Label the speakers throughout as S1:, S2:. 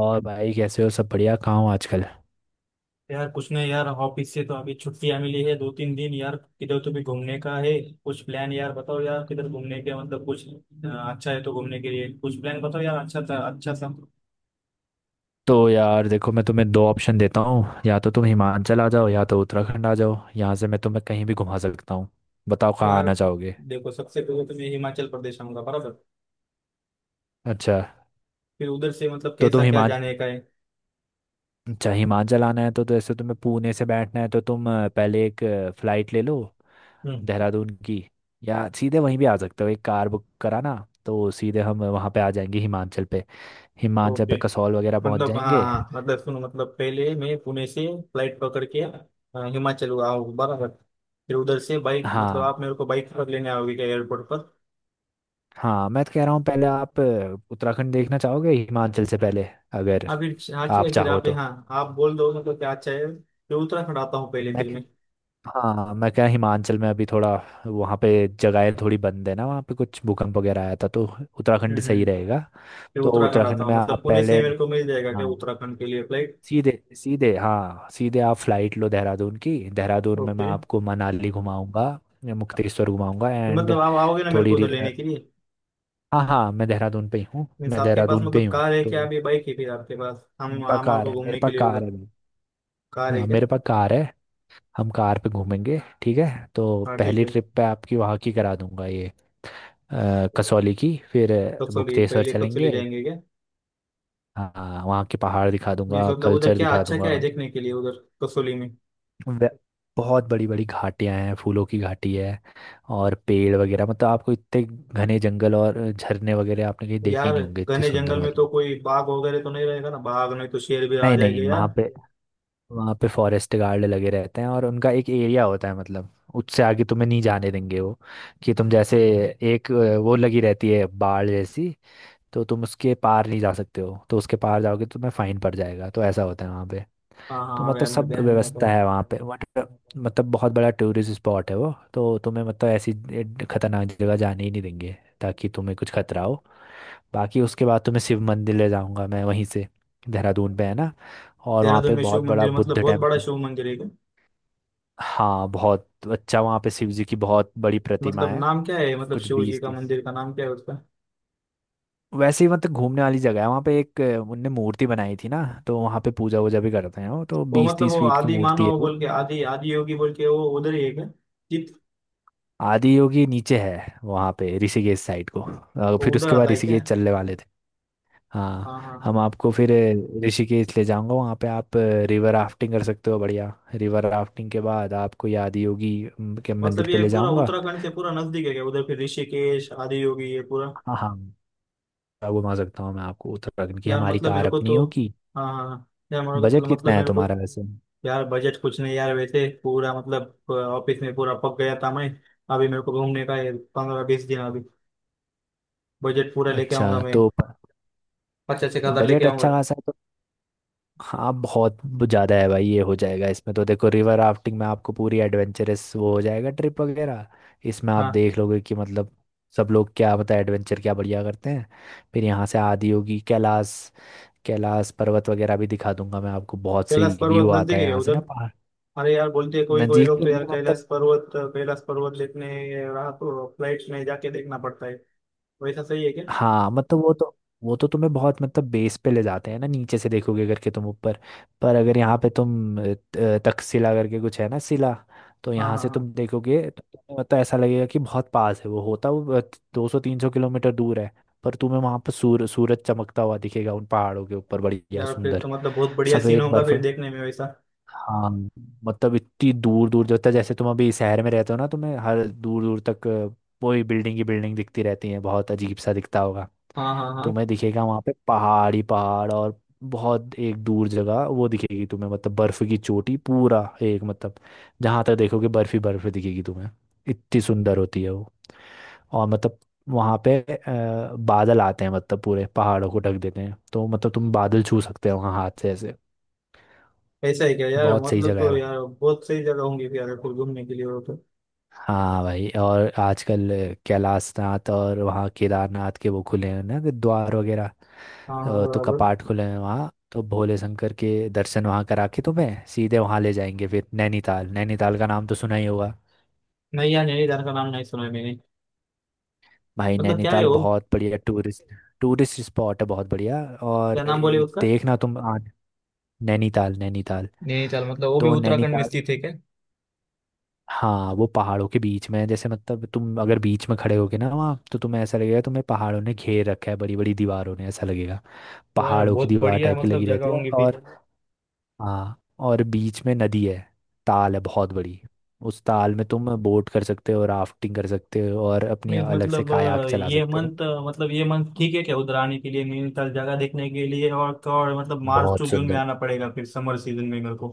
S1: और भाई कैसे हो? सब बढ़िया? कहाँ हो आजकल?
S2: यार कुछ नहीं यार, ऑफिस से तो अभी छुट्टियां मिली है 2 3 दिन। यार किधर तो भी घूमने का है कुछ प्लान, यार बताओ। यार किधर घूमने के मतलब कुछ अच्छा है तो घूमने के लिए कुछ प्लान बताओ यार, अच्छा था, अच्छा सा।
S1: तो यार देखो, मैं तुम्हें दो ऑप्शन देता हूँ, या तो तुम हिमाचल आ जाओ या तो उत्तराखंड आ जाओ। यहाँ से मैं तुम्हें कहीं भी घुमा सकता हूँ। बताओ कहाँ
S2: यार
S1: आना चाहोगे?
S2: देखो, सबसे पहले तो मैं हिमाचल प्रदेश आऊंगा, बराबर।
S1: अच्छा।
S2: फिर उधर से मतलब
S1: तो तुम
S2: कैसा क्या
S1: हिमा
S2: जाने का है।
S1: अच्छा, हिमाचल आना है तो ऐसे तुम्हें पुणे से बैठना है, तो तुम पहले एक फ़्लाइट ले लो
S2: हम्म।
S1: देहरादून की। या सीधे वहीं भी आ सकते हो, एक कार बुक कराना, तो सीधे हम वहाँ पे आ जाएंगे हिमाचल पे। हिमाचल पे
S2: ओके,
S1: कसौल वगैरह पहुँच
S2: मतलब हाँ
S1: जाएंगे।
S2: हाँ। मतलब सुनो, मतलब पहले मैं पुणे से फ्लाइट पकड़ के हिमाचल आऊँ, बराबर। फिर उधर से बाइक, मतलब आप
S1: हाँ
S2: मेरे को बाइक पर लेने आओगे क्या एयरपोर्ट पर?
S1: हाँ, मैं तो कह रहा हूँ, पहले आप उत्तराखंड देखना चाहोगे हिमाचल से पहले? अगर
S2: अभी हाँ,
S1: आप
S2: चलिए फिर
S1: चाहो
S2: आप
S1: तो।
S2: यहाँ। आप बोल दो मतलब क्या अच्छा है, फिर उत्तराखंड आता हूँ पहले,
S1: मैं,
S2: फिर मैं।
S1: हाँ मैं क्या, हिमाचल में अभी थोड़ा वहाँ पे जगहें थोड़ी बंद है ना, वहाँ पे कुछ भूकंप वगैरह आया था तो। उत्तराखंड सही
S2: हम्म।
S1: रहेगा।
S2: फिर
S1: तो
S2: उत्तराखंड
S1: उत्तराखंड
S2: आता हूँ
S1: में
S2: मतलब
S1: आप
S2: पुणे
S1: पहले,
S2: से मेरे को मिल जाएगा क्या
S1: हाँ
S2: उत्तराखंड के लिए फ्लाइट?
S1: सीधे सीधे, हाँ सीधे आप फ्लाइट लो देहरादून की। देहरादून में मैं
S2: ओके।
S1: आपको मनाली घुमाऊंगा, मुक्तेश्वर घुमाऊंगा
S2: तो
S1: एंड
S2: मतलब आप आओगे ना मेरे
S1: थोड़ी
S2: को उधर
S1: रि-
S2: लेने के लिए?
S1: हाँ हाँ, मैं देहरादून पे ही हूँ,
S2: मीन्स
S1: मैं
S2: आपके पास
S1: देहरादून पे ही
S2: मतलब
S1: हूँ
S2: कार है क्या
S1: तो।
S2: अभी, बाइक है फिर आपके पास
S1: मेरे
S2: हम
S1: पास
S2: हमारे
S1: कार
S2: को
S1: है, मेरे
S2: घूमने के
S1: पास
S2: लिए
S1: कार
S2: उधर?
S1: है।
S2: कार है
S1: हाँ
S2: क्या?
S1: मेरे पास कार है। हम कार पे घूमेंगे, ठीक है। तो
S2: हाँ ठीक
S1: पहली
S2: है।
S1: ट्रिप पे आपकी वहाँ की करा दूंगा ये कसौली की। फिर
S2: कसौली,
S1: मुक्तेश्वर
S2: पहले कसौली
S1: चलेंगे।
S2: जाएंगे क्या?
S1: हाँ वहाँ के पहाड़ दिखा
S2: मीन्स
S1: दूंगा,
S2: मतलब उधर
S1: कल्चर
S2: क्या
S1: दिखा
S2: अच्छा
S1: दूंगा।
S2: क्या है देखने के लिए, उधर कसौली में?
S1: वे- बहुत बड़ी बड़ी घाटियाँ हैं, फूलों की घाटी है और पेड़ वगैरह। मतलब आपको इतने घने जंगल और झरने वगैरह आपने कहीं देखे ही
S2: यार
S1: नहीं होंगे, इतने
S2: घने
S1: सुंदर
S2: जंगल में
S1: वाले।
S2: तो कोई बाघ वगैरह तो नहीं रहेगा ना? बाघ नहीं तो शेर भी आ
S1: नहीं
S2: जाएंगे
S1: नहीं, वहाँ
S2: यार।
S1: पे, वहाँ पे फॉरेस्ट गार्ड लगे रहते हैं और उनका एक एरिया होता है। मतलब उससे आगे तुम्हें नहीं जाने देंगे वो। कि तुम जैसे एक वो लगी रहती है बाड़ जैसी। तो तुम उसके पार नहीं जा सकते हो, तो उसके पार जाओगे तो तुम्हें फाइन पड़ जाएगा। तो ऐसा होता है वहाँ पे।
S2: हाँ
S1: तो
S2: हाँ आ
S1: मतलब
S2: गया मेरे
S1: सब
S2: ध्यान में।
S1: व्यवस्था है वहाँ पे, बट मतलब बहुत बड़ा टूरिस्ट स्पॉट है वो। तो तुम्हें मतलब ऐसी खतरनाक जगह जाने ही नहीं देंगे, ताकि तुम्हें कुछ खतरा हो। बाकी उसके बाद तुम्हें शिव मंदिर ले जाऊंगा मैं, वहीं से देहरादून पे है ना। और वहाँ
S2: देहरादून
S1: पे
S2: में शिव
S1: बहुत बड़ा
S2: मंदिर मतलब
S1: बुद्ध
S2: बहुत बड़ा
S1: टेम्पल।
S2: शिव मंदिर है क्या?
S1: हाँ बहुत अच्छा, वहाँ पे शिव जी की बहुत बड़ी प्रतिमा
S2: मतलब
S1: है।
S2: नाम क्या है, मतलब
S1: कुछ
S2: शिव जी
S1: बीस
S2: का
S1: तीस
S2: मंदिर का नाम क्या है उसका?
S1: वैसे ही, मतलब घूमने वाली जगह है वहाँ पे। एक उनने मूर्ति बनाई थी ना, तो वहाँ पे पूजा वूजा भी करते हैं वो। तो
S2: वो
S1: बीस
S2: मतलब
S1: तीस
S2: वो
S1: फीट की
S2: आदि
S1: मूर्ति है
S2: मानव
S1: वो।
S2: बोल के, आदि आदि योगी बोल के वो उधर ही है क्या? चित।
S1: आदि योगी नीचे है वहाँ पे ऋषिकेश साइड को
S2: वो
S1: फिर
S2: उधर
S1: उसके
S2: आता
S1: बाद
S2: है क्या?
S1: ऋषिकेश चलने वाले थे। हाँ,
S2: हाँ हाँ हाँ।
S1: हम आपको फिर ऋषिकेश ले जाऊंगा। वहाँ पे आप रिवर राफ्टिंग कर सकते हो बढ़िया। रिवर राफ्टिंग के बाद आपको ये आदि योगी के मंदिर
S2: मतलब
S1: पे
S2: ये
S1: ले
S2: पूरा
S1: जाऊंगा।
S2: उत्तराखंड से पूरा नजदीक है क्या उधर, फिर ऋषिकेश आदि योगी ये पूरा?
S1: हाँ हाँ, घुमा सकता हूँ मैं आपको उत्तराखंड की,
S2: यार
S1: हमारी
S2: मतलब मेरे
S1: कार
S2: को
S1: अपनी
S2: तो,
S1: होगी।
S2: हाँ हाँ हाँ, यार मेरे को तो,
S1: बजट कितना
S2: मतलब
S1: है
S2: मेरे को
S1: तुम्हारा
S2: तो।
S1: वैसे?
S2: यार बजट कुछ नहीं यार वैसे, पूरा मतलब ऑफिस में पूरा पक गया था मैं। अभी मेरे को घूमने का है 15 20 दिन। अभी बजट पूरा लेके
S1: अच्छा
S2: आऊंगा मैं,
S1: तो,
S2: पचास एक हजार लेके
S1: बजट
S2: आऊंगा।
S1: अच्छा खासा है तो। हाँ बहुत ज़्यादा है भाई, ये हो जाएगा इसमें तो। देखो रिवर राफ्टिंग में आपको पूरी एडवेंचरस वो हो जाएगा, ट्रिप वगैरह। इसमें आप
S2: हाँ,
S1: देख लोगे कि मतलब सब लोग क्या, मतलब एडवेंचर क्या बढ़िया करते हैं। फिर यहाँ से आदि होगी कैलाश, कैलाश पर्वत वगैरह भी दिखा दूंगा मैं आपको। बहुत
S2: कैलाश
S1: सही
S2: पर्वत
S1: व्यू आता
S2: नजदीक
S1: है
S2: है क्या
S1: यहाँ से ना
S2: उधर?
S1: पहाड़।
S2: अरे यार बोलते हैं कोई कोई
S1: नज़दीक
S2: लोग
S1: तो
S2: तो
S1: नहीं
S2: यार,
S1: है मतलब।
S2: कैलाश पर्वत देखने रहा तो फ्लाइट में जाके देखना पड़ता है, वैसा सही है क्या?
S1: हाँ मतलब वो तो, वो तो तुम्हें बहुत, मतलब बेस पे ले जाते हैं ना, नीचे से देखोगे करके तुम ऊपर। पर अगर यहाँ पे तुम तक्षशिला करके कुछ है ना शिला। तो
S2: हाँ
S1: यहाँ
S2: हाँ
S1: से
S2: हाँ।
S1: तुम देखोगे तो तुम्हें मतलब ऐसा लगेगा कि बहुत पास है वो, होता वो 200-300 किलोमीटर दूर है। पर तुम्हें वहां पर सूरज चमकता हुआ दिखेगा उन पहाड़ों के ऊपर, बढ़िया
S2: यार फिर
S1: सुंदर
S2: तो मतलब बहुत बढ़िया सीन
S1: सफेद
S2: होगा
S1: बर्फ।
S2: फिर देखने में वैसा।
S1: हाँ मतलब इतनी दूर दूर जो तक, जैसे तुम अभी शहर में रहते हो ना, तुम्हें हर दूर दूर तक वही बिल्डिंग की बिल्डिंग दिखती रहती है, बहुत अजीब सा दिखता होगा।
S2: हाँ हाँ हाँ।
S1: तुम्हें दिखेगा वहाँ पे पहाड़ ही पहाड़, और बहुत एक दूर जगह वो दिखेगी तुम्हें, मतलब बर्फ की चोटी पूरा एक मतलब, जहाँ तक देखोगे बर्फ ही बर्फ दिखेगी तुम्हें। इतनी सुंदर होती है वो। और मतलब वहाँ पे बादल आते हैं, मतलब पूरे पहाड़ों को ढक देते हैं, तो मतलब तुम बादल छू सकते हो वहाँ हाथ से ऐसे।
S2: ऐसा है क्या यार?
S1: बहुत सही
S2: मतलब
S1: जगह
S2: तो
S1: है।
S2: यार बहुत सही जगह होंगी फिर यार, फिर घूमने के लिए वो तो।
S1: हाँ भाई, और आजकल कैलाशनाथ और वहाँ केदारनाथ के वो खुले हैं ना, कि द्वार वगैरह।
S2: हाँ हाँ
S1: तो
S2: बराबर।
S1: कपाट खुले हैं वहाँ, तो भोले शंकर के दर्शन वहाँ करा के तुम्हें सीधे वहाँ ले जाएंगे। फिर नैनीताल, नैनीताल का नाम तो सुना ही होगा।
S2: नहीं यार, नैनीताल का नाम नहीं सुना है मैंने।
S1: भाई
S2: मतलब क्या है
S1: नैनीताल
S2: वो?
S1: बहुत बढ़िया टूरिस्ट, टूरिस्ट स्पॉट है बहुत बढ़िया। और
S2: क्या नाम बोले
S1: ये
S2: उसका?
S1: देखना तुम आ नैनीताल, नैनीताल,
S2: नैनीताल मतलब वो भी
S1: तो
S2: उत्तराखंड में
S1: नैनीताल,
S2: स्थित है क्या?
S1: हाँ वो पहाड़ों के बीच में है। जैसे मतलब तुम अगर बीच में खड़े होगे ना वहाँ, तो तुम्हें ऐसा लगेगा तुम्हें पहाड़ों ने घेर रखा है, बड़ी बड़ी दीवारों ने ऐसा लगेगा।
S2: यार
S1: पहाड़ों की
S2: बहुत
S1: दीवार
S2: बढ़िया
S1: टाइप की
S2: मतलब
S1: लगी
S2: जगह
S1: रहती है।
S2: होंगी फिर।
S1: और हाँ, और बीच में नदी है, ताल है बहुत बड़ी। उस ताल में तुम बोट कर सकते हो, राफ्टिंग कर सकते हो और अपनी
S2: मीन्स
S1: अलग से
S2: मतलब
S1: कायाक चला
S2: ये
S1: सकते हो।
S2: मंथ, मतलब ये मंथ ठीक है क्या उधर आने के लिए नैनीताल जगह देखने के लिए, और तो और मतलब मार्च
S1: बहुत
S2: टू जून में
S1: सुंदर।
S2: आना पड़ेगा फिर समर सीजन में मेरे को?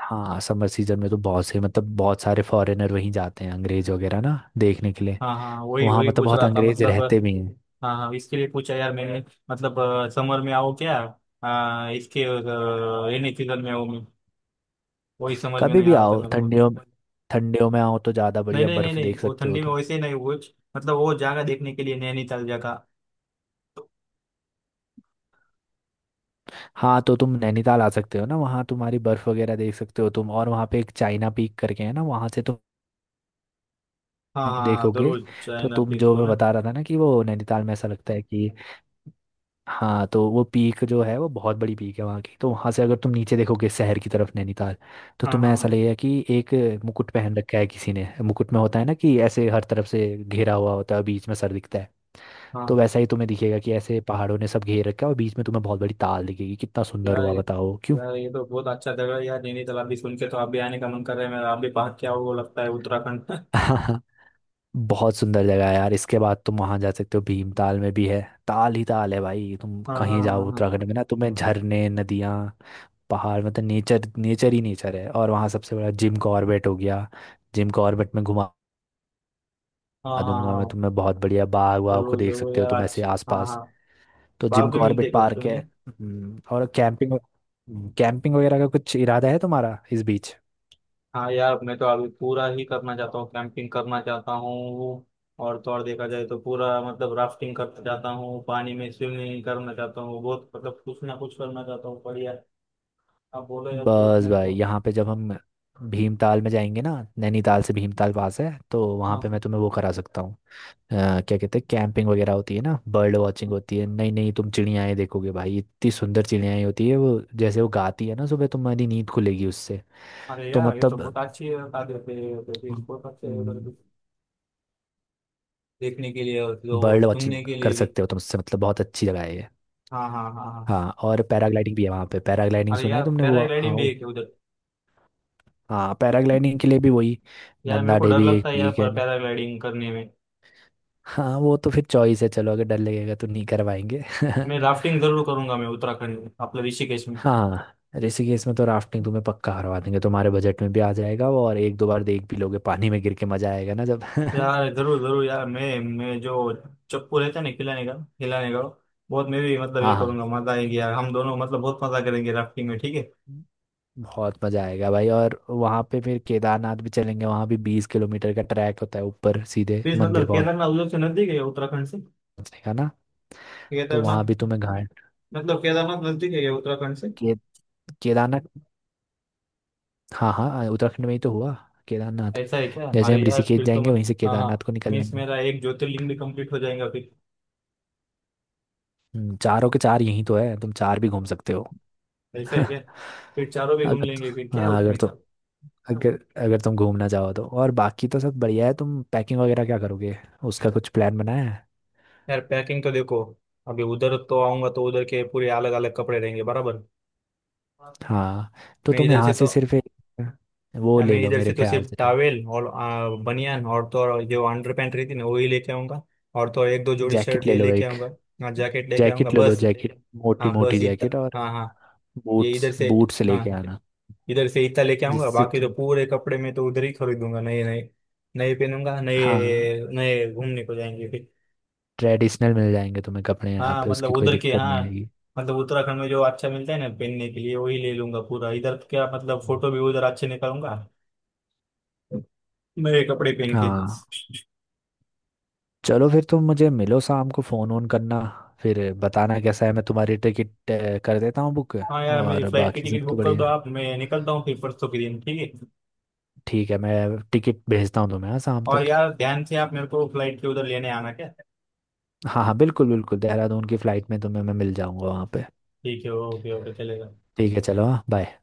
S1: हाँ समर सीजन में तो बहुत से, मतलब बहुत सारे फॉरेनर वहीं जाते हैं, अंग्रेज वगैरह ना देखने के लिए।
S2: हाँ हाँ वही
S1: वहाँ
S2: वही
S1: मतलब
S2: पूछ
S1: बहुत
S2: रहा था
S1: अंग्रेज
S2: मतलब,
S1: रहते भी हैं।
S2: हाँ हाँ, इसके लिए पूछा यार मैंने। मतलब समर में आओ क्या, इसके रेनी सीजन में आओ, मैं वही समझ में
S1: कभी
S2: नहीं
S1: भी
S2: आ रहा था
S1: आओ।
S2: मेरे को।
S1: ठंडियों में, ठंडियों में आओ तो ज़्यादा
S2: नहीं
S1: बढ़िया
S2: नहीं नहीं
S1: बर्फ़
S2: नहीं,
S1: देख
S2: वो
S1: सकते हो
S2: ठंडी में
S1: तुम।
S2: वैसे ही नहीं वो, मतलब वो जगह देखने के लिए नैनीताल जगह।
S1: हाँ तो तुम नैनीताल आ सकते हो ना, वहाँ तुम्हारी बर्फ़ वगैरह देख सकते हो तुम। और वहाँ पे एक चाइना पीक करके है ना, वहाँ से तुम
S2: हाँ हाँ
S1: देखोगे।
S2: जरूर
S1: तो
S2: चाइना
S1: तुम,
S2: पीक
S1: जो
S2: को
S1: मैं
S2: ना।
S1: बता रहा था ना कि वो नैनीताल में ऐसा लगता है कि, हाँ तो वो पीक जो है वो बहुत बड़ी पीक है वहाँ की। तो वहाँ से अगर तुम नीचे देखोगे शहर की तरफ नैनीताल, तो
S2: हाँ
S1: तुम्हें
S2: हाँ
S1: ऐसा
S2: हाँ
S1: लगेगा कि एक मुकुट पहन रखा है किसी ने। मुकुट में होता है ना कि ऐसे हर तरफ से घेरा हुआ होता है और बीच में सर दिखता है। तो
S2: हाँ।
S1: वैसा ही तुम्हें दिखेगा कि ऐसे पहाड़ों ने सब घेर रखा है, और बीच में तुम्हें बहुत बड़ी ताल दिखेगी। कितना सुंदर
S2: यार
S1: हुआ,
S2: ये-
S1: बताओ क्यों?
S2: यार ये तो बहुत अच्छा जगह है यार, नैनीताल अभी सुन के तो आप भी आने का मन कर रहा है मेरा। आप भी भाग क्या वो, लगता है उत्तराखंड
S1: बहुत सुंदर जगह है यार। इसके बाद तुम वहां जा सकते हो, भीमताल में भी है ताल ही ताल है भाई। तुम
S2: हाँ हाँ
S1: कहीं
S2: हाँ
S1: जाओ
S2: हाँ
S1: उत्तराखंड में ना, तुम्हें झरने, नदियाँ, पहाड़, मतलब नेचर नेचर ही नेचर है। और वहाँ सबसे बड़ा जिम कॉर्बेट हो गया। जिम कॉर्बेट में घुमा
S2: हाँ हाँ
S1: दूंगा मैं
S2: हाँ,
S1: तुम्हें। बहुत बढ़िया बाग वाग को
S2: जरूर
S1: देख
S2: जरूर
S1: सकते हो
S2: यार
S1: तुम ऐसे
S2: आज, हाँ
S1: आसपास।
S2: हाँ।
S1: तो
S2: बाघ
S1: जिम
S2: भी मिलते
S1: कॉर्बेट
S2: कभी
S1: पार्क है।
S2: तुमने?
S1: और कैंपिंग, कैंपिंग वगैरह का कुछ इरादा है तुम्हारा इस बीच?
S2: हाँ यार, मैं तो अभी पूरा ही करना चाहता हूँ, कैंपिंग करना चाहता हूँ, और तो और देखा जाए तो पूरा मतलब राफ्टिंग करना चाहता हूँ, पानी में स्विमिंग करना चाहता हूँ, बहुत मतलब कुछ ना कुछ करना चाहता हूँ बढ़िया। आप बोलो यार कुछ
S1: बस
S2: नहीं तो।
S1: भाई, यहाँ पे जब हम भीमताल में जाएंगे ना, नैनीताल से भीमताल पास है, तो वहाँ
S2: हाँ
S1: पे मैं
S2: हाँ।
S1: तुम्हें वो करा सकता हूँ। क्या कहते हैं कैंपिंग वगैरह होती है ना, बर्ड वॉचिंग होती है। नहीं नहीं, तुम चिड़ियाएँ देखोगे भाई, इतनी सुंदर चिड़ियाएँ होती है वो। जैसे वो गाती है ना, सुबह तुम्हारी नींद खुलेगी उससे।
S2: अरे
S1: तो
S2: यार ये तो
S1: मतलब,
S2: बहुत अच्छी बता देते हैं, तो फिर बहुत अच्छे हैं उधर
S1: हम्म,
S2: भी। देखने के लिए और जो
S1: बर्ड वॉचिंग
S2: सुनने के
S1: कर
S2: लिए भी।
S1: सकते हो तुम, उससे मतलब बहुत अच्छी जगह है ये।
S2: हाँ हाँ हाँ हाँ।
S1: हाँ और पैराग्लाइडिंग भी है वहाँ पे। पैराग्लाइडिंग
S2: अरे
S1: सुना है
S2: यार,
S1: तुमने? वो, हाँ
S2: पैराग्लाइडिंग भी है क्या उधर?
S1: हाँ, पैराग्लाइडिंग के लिए भी वही
S2: यार मेरे
S1: नंदा
S2: को डर
S1: देवी एक
S2: लगता है यार
S1: पीक है।
S2: पर पैराग्लाइडिंग करने में।
S1: हाँ वो तो फिर चॉइस है, चलो अगर डर लगेगा तो नहीं करवाएंगे।
S2: मैं राफ्टिंग जरूर करूंगा मैं उत्तराखंड में अपने ऋषिकेश में।
S1: हाँ, ऋषिकेश में तो राफ्टिंग तुम्हें पक्का करवा देंगे, तुम्हारे बजट में भी आ जाएगा वो। और एक दो बार देख भी लोगे पानी में गिर के, मजा आएगा ना जब।
S2: यार जरूर जरूर यार, मैं जो चप्पू रहता है ना खिलाने का बहुत, मैं भी मतलब
S1: हाँ
S2: ये
S1: हाँ,
S2: करूंगा, मजा आएगी यार। हम दोनों मतलब बहुत मजा करेंगे राफ्टिंग में, ठीक है।
S1: बहुत मजा आएगा भाई। और वहाँ पे फिर केदारनाथ भी चलेंगे, वहाँ भी 20 किलोमीटर का ट्रैक होता है ऊपर सीधे
S2: प्लीज
S1: मंदिर
S2: मतलब
S1: पहुँचने
S2: केदारनाथ उधर से नजदीक है क्या उत्तराखंड से?
S1: का ना। तो वहाँ
S2: केदारनाथ,
S1: भी तुम्हें घाट
S2: मतलब केदारनाथ नजदीक है क्या उत्तराखंड से?
S1: के केदारनाथ। हाँ हाँ, उत्तराखंड में ही तो हुआ केदारनाथ।
S2: ऐसा है क्या?
S1: जैसे
S2: अरे
S1: हम
S2: यार
S1: ऋषिकेश
S2: फिर तो
S1: जाएंगे
S2: मत
S1: वहीं से
S2: हाँ हाँ,
S1: केदारनाथ को निकल
S2: मीन्स
S1: लेंगे।
S2: मेरा एक ज्योतिर्लिंग भी कंप्लीट हो जाएगा फिर।
S1: चारों के चार यहीं तो है, तुम चार भी घूम सकते हो।
S2: ऐसा है क्या? फिर चारों भी घूम
S1: अगर
S2: लेंगे, फिर क्या है
S1: हाँ, अगर
S2: उसमें।
S1: तो अगर अगर तुम घूमना चाहो तो। और बाकी तो सब बढ़िया है। तुम पैकिंग वगैरह क्या करोगे, उसका कुछ प्लान बनाया है?
S2: यार पैकिंग तो देखो, अभी उधर तो आऊंगा तो उधर के पूरे अलग अलग कपड़े रहेंगे बराबर।
S1: हाँ तो
S2: मैं
S1: तुम
S2: इधर से
S1: यहाँ से
S2: तो
S1: सिर्फ एक वो ले
S2: मैं
S1: लो,
S2: इधर से
S1: मेरे
S2: तो
S1: ख्याल
S2: सिर्फ
S1: से तो।
S2: टावेल और बनियान और तो और जो अंडर पैंट रहती ना वही लेके आऊंगा। और तो और एक दो जोड़ी
S1: जैकेट
S2: शर्ट
S1: ले
S2: ये
S1: लो
S2: लेके
S1: एक,
S2: आऊंगा। हाँ जैकेट लेके आऊंगा
S1: जैकेट ले लो
S2: बस।
S1: जैकेट, मोटी
S2: हाँ बस
S1: मोटी जैकेट।
S2: इतना,
S1: और
S2: हाँ हाँ। ये इधर
S1: बूट्स,
S2: से,
S1: बूट्स लेके
S2: हाँ
S1: आना,
S2: इधर से इतना लेके आऊंगा,
S1: जिससे
S2: बाकी तो
S1: तुम।
S2: पूरे कपड़े में तो उधर ही खरीदूंगा नए नए। नए पहनूंगा,
S1: हाँ,
S2: नए नए घूमने को जाएंगे फिर।
S1: ट्रेडिशनल मिल जाएंगे तुम्हें कपड़े यहाँ
S2: हाँ
S1: पे,
S2: मतलब
S1: उसकी कोई
S2: उधर के,
S1: दिक्कत
S2: हाँ
S1: नहीं आएगी।
S2: मतलब उत्तराखंड में जो अच्छा मिलता है ना पहनने के लिए वही ले लूंगा पूरा, इधर क्या मतलब, फोटो भी उधर अच्छे निकालूंगा नए कपड़े पहन के।
S1: हाँ चलो फिर, तुम मुझे मिलो शाम को, फोन ऑन करना फिर बताना कैसा है। मैं तुम्हारी टिकट कर देता हूँ बुक।
S2: हाँ यार, मेरी
S1: और
S2: फ्लाइट की
S1: बाकी सब
S2: टिकट
S1: तो
S2: बुक कर
S1: बढ़िया
S2: दो
S1: है।
S2: आप, मैं निकलता हूँ फिर परसों के दिन, ठीक है।
S1: ठीक है, मैं टिकट भेजता हूँ तुम्हें हाँ, शाम
S2: और
S1: तक।
S2: यार ध्यान से आप मेरे को फ्लाइट के उधर लेने आना क्या।
S1: हाँ हाँ बिल्कुल बिल्कुल, देहरादून की फ्लाइट में तुम्हें मैं मिल जाऊंगा वहाँ पे।
S2: ठीक है, ओके ओके चलेगा।
S1: ठीक है, चलो हाँ बाय।